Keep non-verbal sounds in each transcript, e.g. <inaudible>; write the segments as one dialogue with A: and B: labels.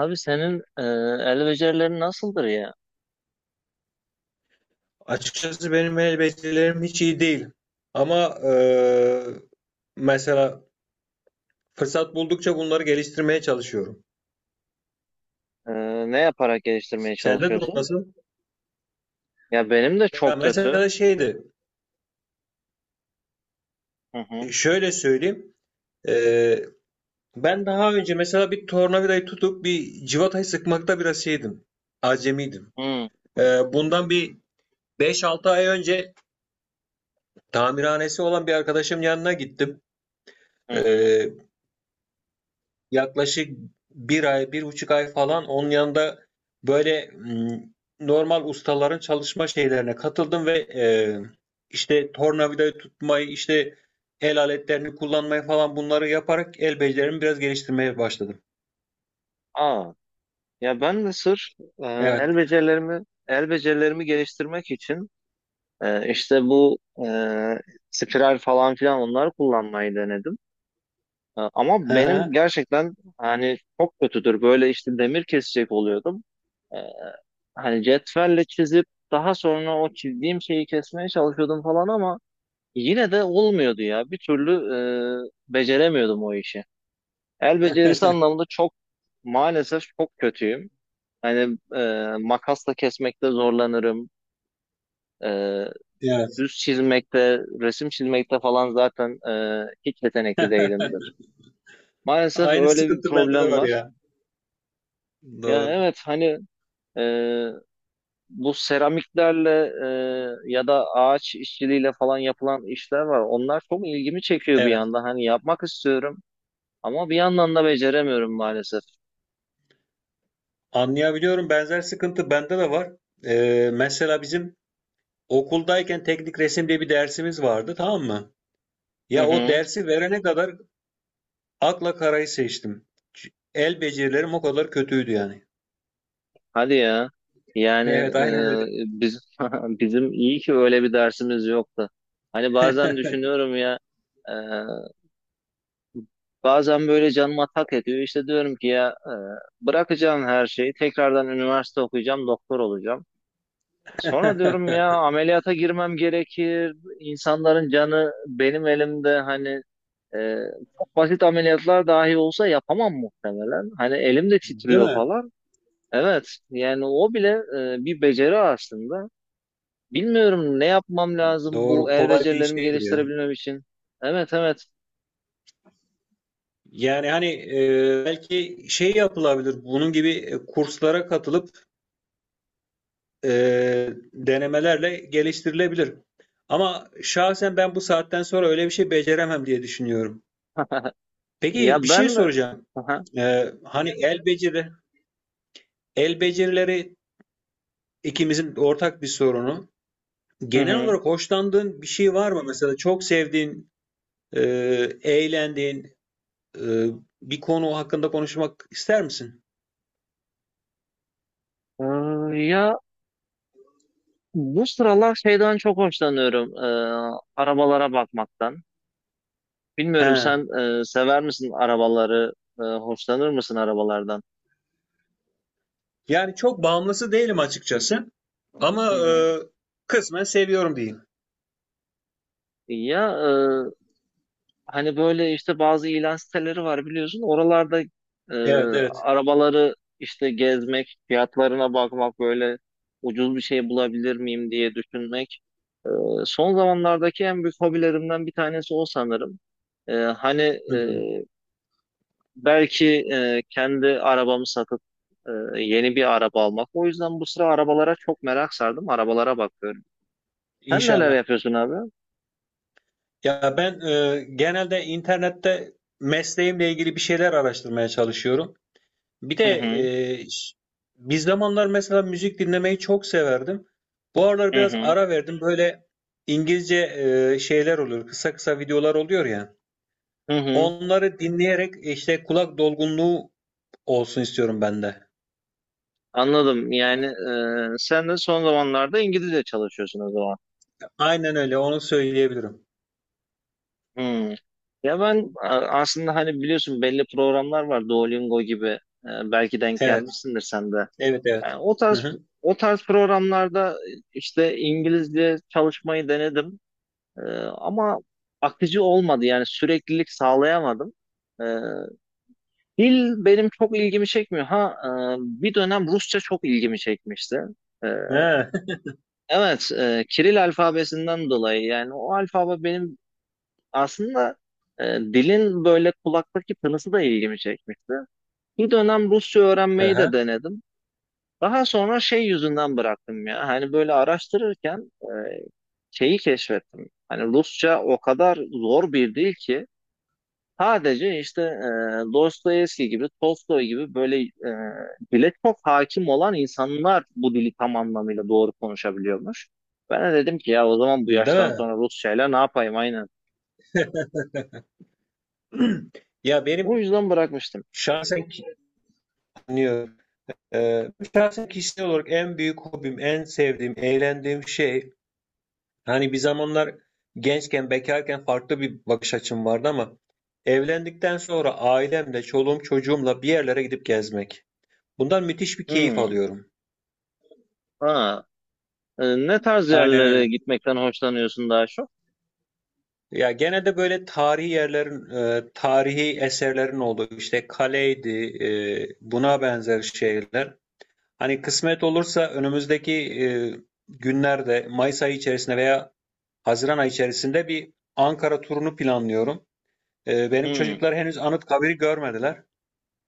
A: Abi senin el becerilerin nasıldır ya?
B: Açıkçası benim elbiselerim hiç iyi değil. Ama mesela fırsat buldukça bunları geliştirmeye çalışıyorum.
A: E, ne yaparak geliştirmeye
B: Sende durum
A: çalışıyorsun?
B: nasıl?
A: Ya benim de
B: Ya
A: çok kötü.
B: mesela şeydi,
A: Hı hı.
B: şöyle söyleyeyim. Eee, Ben daha önce mesela bir tornavidayı tutup bir civatayı sıkmakta biraz şeydim. Acemiydim.
A: Hı
B: Bundan bir beş altı ay önce tamirhanesi olan bir arkadaşım yanına gittim.
A: hı. Hı.
B: Eee Yaklaşık bir ay, 1,5 ay falan onun yanında böyle, normal ustaların çalışma şeylerine katıldım ve, işte tornavidayı tutmayı, işte el aletlerini kullanmayı falan bunları yaparak el becerilerimi biraz geliştirmeye başladım.
A: Aa, ya ben de sırf
B: Evet.
A: el becerilerimi geliştirmek için işte bu e, spiral falan filan onları kullanmayı denedim. Ama benim
B: <laughs>
A: gerçekten hani çok kötüdür. Böyle işte demir kesecek oluyordum. E, hani cetvelle çizip daha sonra o çizdiğim şeyi kesmeye çalışıyordum falan ama yine de olmuyordu ya. Bir türlü beceremiyordum o işi. El becerisi anlamında çok maalesef çok kötüyüm. Hani makasla kesmekte zorlanırım. E,
B: Evet.
A: düz çizmekte, resim çizmekte falan zaten hiç yetenekli değilimdir.
B: <laughs>
A: Maalesef
B: Aynı
A: öyle bir
B: sıkıntı bende de
A: problem
B: var
A: var.
B: ya.
A: Ya
B: Doğru.
A: evet hani e, bu seramiklerle ya da ağaç işçiliğiyle falan yapılan işler var. Onlar çok ilgimi çekiyor bir
B: Evet.
A: yandan. Hani yapmak istiyorum. Ama bir yandan da beceremiyorum maalesef.
B: Anlayabiliyorum. Benzer sıkıntı bende de var. Mesela bizim okuldayken teknik resim diye bir dersimiz vardı, tamam mı?
A: Hı
B: Ya o
A: hı.
B: dersi verene kadar akla karayı seçtim. El becerilerim o kadar kötüydü yani.
A: Hadi ya.
B: <laughs>
A: Yani
B: Evet, aynen öyle.
A: biz <laughs> bizim iyi ki öyle bir dersimiz yoktu. Hani bazen düşünüyorum ya e, bazen böyle canıma tak ediyor. İşte diyorum ki ya bırakacağım her şeyi. Tekrardan üniversite okuyacağım, doktor olacağım. Sonra diyorum ya
B: <laughs>
A: ameliyata girmem gerekir. İnsanların canı benim elimde hani e, çok basit ameliyatlar dahi olsa yapamam muhtemelen. Hani elim de
B: Değil
A: titriyor
B: mi?
A: falan. Evet, yani o bile bir beceri aslında. Bilmiyorum ne yapmam lazım bu
B: Doğru.
A: el
B: Kolay bir iş
A: becerilerimi
B: değildir ya.
A: geliştirebilmem için. Evet, evet.
B: Yani hani belki şey yapılabilir. Bunun gibi kurslara katılıp e, denemelerle geliştirilebilir. Ama şahsen ben bu saatten sonra öyle bir şey beceremem diye düşünüyorum.
A: <laughs> Ya
B: Peki bir
A: ben.
B: şey soracağım.
A: Aha.
B: Hani el becerileri ikimizin ortak bir sorunu.
A: Hı
B: Genel
A: hı.
B: olarak hoşlandığın bir şey var mı? Mesela çok sevdiğin, eğlendiğin, eee, bir konu hakkında konuşmak ister misin?
A: Ee, ya bu sıralar şeyden çok hoşlanıyorum. Arabalara bakmaktan. Bilmiyorum
B: He.
A: sen sever misin arabaları? Hoşlanır mısın arabalardan?
B: Yani çok bağımlısı değilim açıkçası. Ama
A: Hı hı.
B: kısmen seviyorum diyeyim.
A: Ya, hani böyle işte bazı ilan siteleri var biliyorsun. Oralarda e,
B: Evet, evet.
A: arabaları işte gezmek, fiyatlarına bakmak böyle ucuz bir şey bulabilir miyim diye düşünmek. Son zamanlardaki en büyük hobilerimden bir tanesi o sanırım. Hani
B: Hı
A: e,
B: hı.
A: belki kendi arabamı satıp e, yeni bir araba almak. O yüzden bu sıra arabalara çok merak sardım. Arabalara bakıyorum. Sen neler
B: İnşallah.
A: yapıyorsun abi?
B: Ya ben genelde internette mesleğimle ilgili bir şeyler araştırmaya çalışıyorum. Bir de
A: Hı
B: e,
A: hı.
B: bir zamanlar mesela müzik dinlemeyi çok severdim. Bu aralar
A: Hı
B: biraz
A: hı.
B: ara verdim. Böyle İngilizce şeyler oluyor. Kısa kısa videolar oluyor ya.
A: Hı hı.
B: Onları dinleyerek işte kulak dolgunluğu olsun istiyorum ben de.
A: Anladım. Yani sen de son zamanlarda İngilizce çalışıyorsun o zaman.
B: Aynen öyle. Onu söyleyebilirim.
A: Hmm. Ya ben aslında hani biliyorsun belli programlar var Duolingo gibi. Belki denk
B: Evet.
A: gelmişsindir sen de.
B: Evet, evet.
A: Yani o
B: Hı
A: tarz
B: hı.
A: o tarz programlarda işte İngilizce çalışmayı denedim. E, ama akıcı olmadı. Yani süreklilik sağlayamadım. E, dil benim çok ilgimi çekmiyor. Ha, bir dönem Rusça çok ilgimi çekmişti. E,
B: Ha,
A: Evet, Kiril alfabesinden dolayı yani o alfabe benim aslında dilin böyle kulaktaki tınısı da ilgimi çekmişti. Bir dönem Rusça
B: hı
A: öğrenmeyi
B: hı.
A: de denedim. Daha sonra şey yüzünden bıraktım ya. Hani böyle araştırırken şeyi keşfettim. Hani Rusça o kadar zor bir dil ki sadece işte Dostoyevski gibi, Tolstoy gibi böyle dile çok hakim olan insanlar bu dili tam anlamıyla doğru konuşabiliyormuş. Ben de dedim ki ya o zaman bu
B: Değil
A: yaştan
B: mi?
A: sonra Rusçayla ne yapayım aynen.
B: <clears throat> Ya
A: O
B: benim
A: yüzden bırakmıştım.
B: şahsen ki- dinliyorum. Şahsen, kişisel olarak en büyük hobim, en sevdiğim, eğlendiğim şey, hani bir zamanlar gençken, bekarken farklı bir bakış açım vardı ama evlendikten sonra ailemle, çoluğum, çocuğumla bir yerlere gidip gezmek. Bundan müthiş bir keyif
A: Hmm.
B: alıyorum.
A: Ha. Ne tarz
B: Aynen
A: yerlere
B: öyle.
A: gitmekten hoşlanıyorsun daha çok?
B: Ya genelde böyle tarihi yerlerin, tarihi eserlerin olduğu, işte kaleydi, buna benzer şeyler. Hani kısmet olursa önümüzdeki günlerde Mayıs ayı içerisinde veya Haziran ayı içerisinde bir Ankara turunu planlıyorum. Benim
A: Hmm.
B: çocuklar henüz Anıtkabir'i görmediler.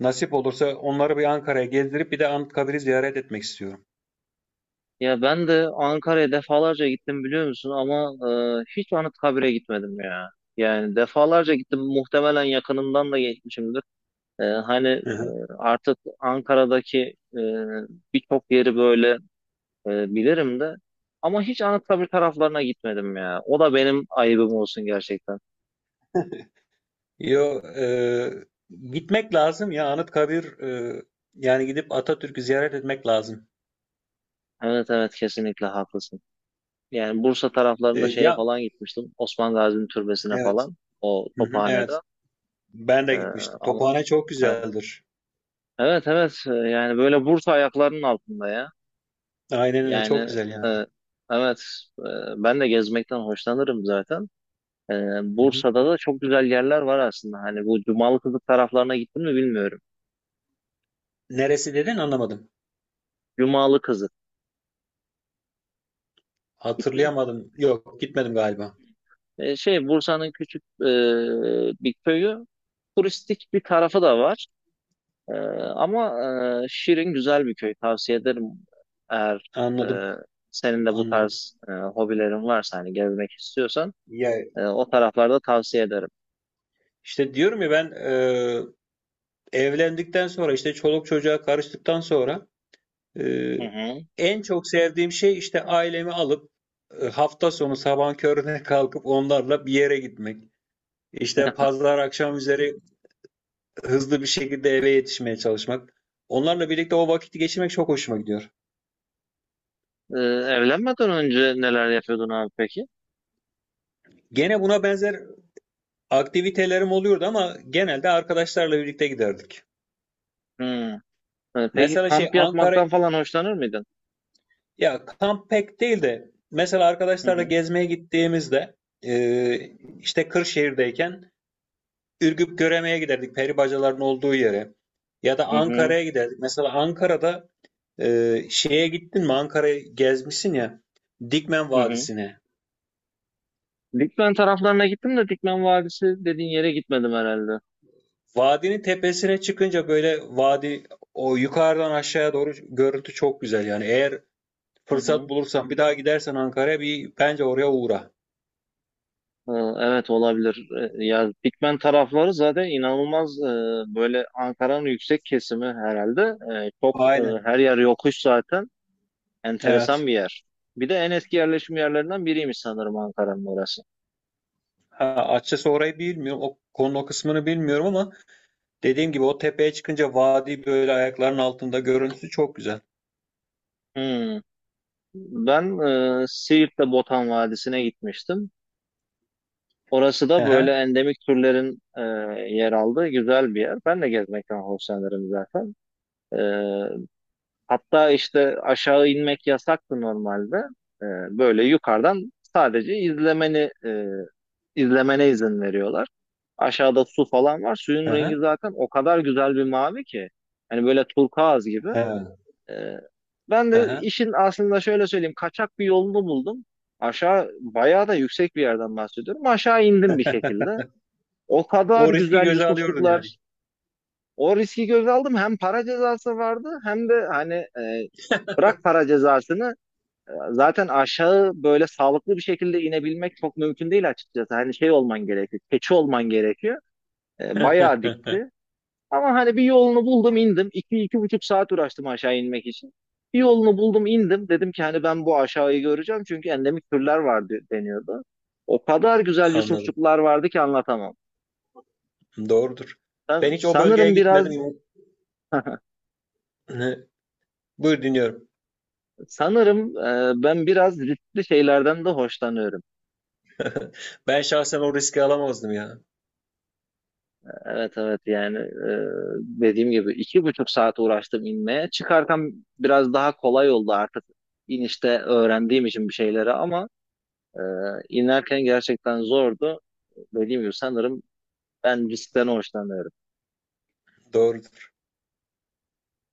B: Nasip olursa onları bir Ankara'ya gezdirip bir de Anıtkabir'i ziyaret etmek istiyorum.
A: Ya ben de Ankara'ya defalarca gittim biliyor musun ama hiç Anıtkabir'e gitmedim ya. Yani defalarca gittim muhtemelen yakınından da geçmişimdir. Hani
B: Hı hı.
A: artık Ankara'daki e, birçok yeri böyle bilirim de ama hiç Anıtkabir taraflarına gitmedim ya. O da benim ayıbım olsun gerçekten.
B: Yo, gitmek lazım ya. Anıtkabir, yani gidip Atatürk'ü ziyaret etmek lazım.
A: Evet, evet, kesinlikle haklısın. Yani Bursa taraflarında şeye
B: Ya
A: falan gitmiştim. Osman Gazi'nin türbesine
B: evet.
A: falan. O
B: Hı hı,
A: Tophane'de.
B: evet. Ben de
A: E,
B: gitmiştim.
A: ama
B: Tophane çok
A: evet,
B: güzeldir.
A: evet, evet. Yani böyle Bursa ayaklarının altında ya.
B: Aynen öyle, çok
A: Yani
B: güzel yani.
A: e, evet, e, ben de gezmekten hoşlanırım zaten. Ee,
B: Hı hı.
A: Bursa'da da çok güzel yerler var aslında. Hani bu Cumalı Kızık taraflarına gittim mi bilmiyorum.
B: Neresi dedin, anlamadım.
A: Cumalı Kızık gittim mi?
B: Hatırlayamadım. Yok, gitmedim galiba.
A: Şey, Bursa'nın küçük bir köyü. Turistik bir tarafı da var. Ee, ama şirin güzel bir köy. Tavsiye ederim eğer
B: Anladım.
A: e, senin de bu
B: Anladım.
A: tarz hobilerin varsa hani gezmek istiyorsan
B: Ya
A: o taraflarda tavsiye ederim.
B: işte diyorum ya, ben evlendikten sonra, işte çoluk çocuğa karıştıktan sonra, e,
A: Hı hı.
B: en çok sevdiğim şey işte ailemi alıp hafta sonu sabah körüne <laughs> kalkıp onlarla bir yere gitmek. İşte pazar akşam üzeri hızlı bir şekilde eve yetişmeye çalışmak. Onlarla birlikte o vakiti geçirmek çok hoşuma gidiyor.
A: Ee, evlenmeden önce neler yapıyordun abi peki?
B: Gene buna benzer aktivitelerim oluyordu ama genelde arkadaşlarla birlikte giderdik.
A: Hı. Peki
B: Mesela şey
A: kamp
B: Ankara
A: yapmaktan falan hoşlanır mıydın?
B: Ya, kamp pek değil de mesela
A: Hı
B: arkadaşlarla
A: hı.
B: gezmeye gittiğimizde, e, işte Kırşehir'deyken Ürgüp Göreme'ye giderdik, peri bacaların olduğu yere. Ya da
A: Hı hı.
B: Ankara'ya giderdik. Mesela Ankara'da şeye gittin mi, Ankara'yı gezmişsin ya, Dikmen
A: Hı hı.
B: Vadisi'ne.
A: Dikmen taraflarına gittim de Dikmen Vadisi dediğin yere gitmedim herhalde.
B: Vadinin tepesine çıkınca böyle vadi, o yukarıdan aşağıya doğru görüntü çok güzel yani. Eğer
A: Hı
B: fırsat
A: hı.
B: bulursan, bir daha gidersen Ankara'ya, bir bence oraya uğra.
A: Ee, Evet, olabilir. Ya, Dikmen tarafları zaten inanılmaz, böyle Ankara'nın yüksek kesimi herhalde. Çok,
B: Aynen.
A: her yer yokuş zaten. Enteresan
B: Evet.
A: bir yer. Bir de en eski yerleşim yerlerinden biriymiş sanırım Ankara'nın orası.
B: Ha, açıkçası orayı bilmiyorum. O konu, o kısmını bilmiyorum ama dediğim gibi o tepeye çıkınca vadi böyle ayaklarının altında, görüntüsü çok güzel.
A: Hmm. Ben Siirt'te Botan Vadisi'ne gitmiştim. Orası
B: Hı
A: da böyle
B: hı,
A: endemik türlerin yer aldığı güzel bir yer. Ben de gezmekten hoşlanırım zaten. Ee, hatta işte aşağı inmek yasaktı normalde. Ee, Böyle yukarıdan sadece izlemene izin veriyorlar. Aşağıda su falan var.
B: hı
A: Suyun rengi
B: hı,
A: zaten o kadar güzel bir mavi ki. Hani böyle turkuaz gibi. Ee, ben
B: hı
A: de
B: hı.
A: işin aslında şöyle söyleyeyim. Kaçak bir yolunu buldum. Aşağı bayağı da yüksek bir yerden bahsediyorum. Aşağı indim bir şekilde.
B: <laughs>
A: O kadar
B: O riski
A: güzel
B: göze alıyordun yani.
A: Yusufçuklar. O riski göze aldım. Hem para cezası vardı hem de hani. Bırak para cezasını, zaten aşağı böyle sağlıklı bir şekilde inebilmek çok mümkün değil açıkçası. Hani şey olman gerekiyor, keçi olman gerekiyor. Bayağı
B: <laughs>
A: dikti. Ama hani bir yolunu buldum indim. İki buçuk saat uğraştım aşağı inmek için. Bir yolunu buldum indim. Dedim ki hani ben bu aşağıyı göreceğim çünkü endemik türler vardı deniyordu. O kadar güzel
B: Anladım.
A: yusufçuklar vardı ki anlatamam.
B: Doğrudur.
A: Ben
B: Ben hiç o bölgeye
A: sanırım biraz
B: gitmedim.
A: <laughs>
B: <laughs> Buyur, dinliyorum.
A: sanırım ben biraz riskli şeylerden de hoşlanıyorum.
B: Ben şahsen o riski alamazdım ya.
A: Evet, evet, yani dediğim gibi 2,5 saat uğraştım inmeye. Çıkarken biraz daha kolay oldu artık inişte öğrendiğim için bir şeyleri ama e, inerken gerçekten zordu. Dediğim gibi sanırım ben riskten hoşlanıyorum.
B: Doğrudur.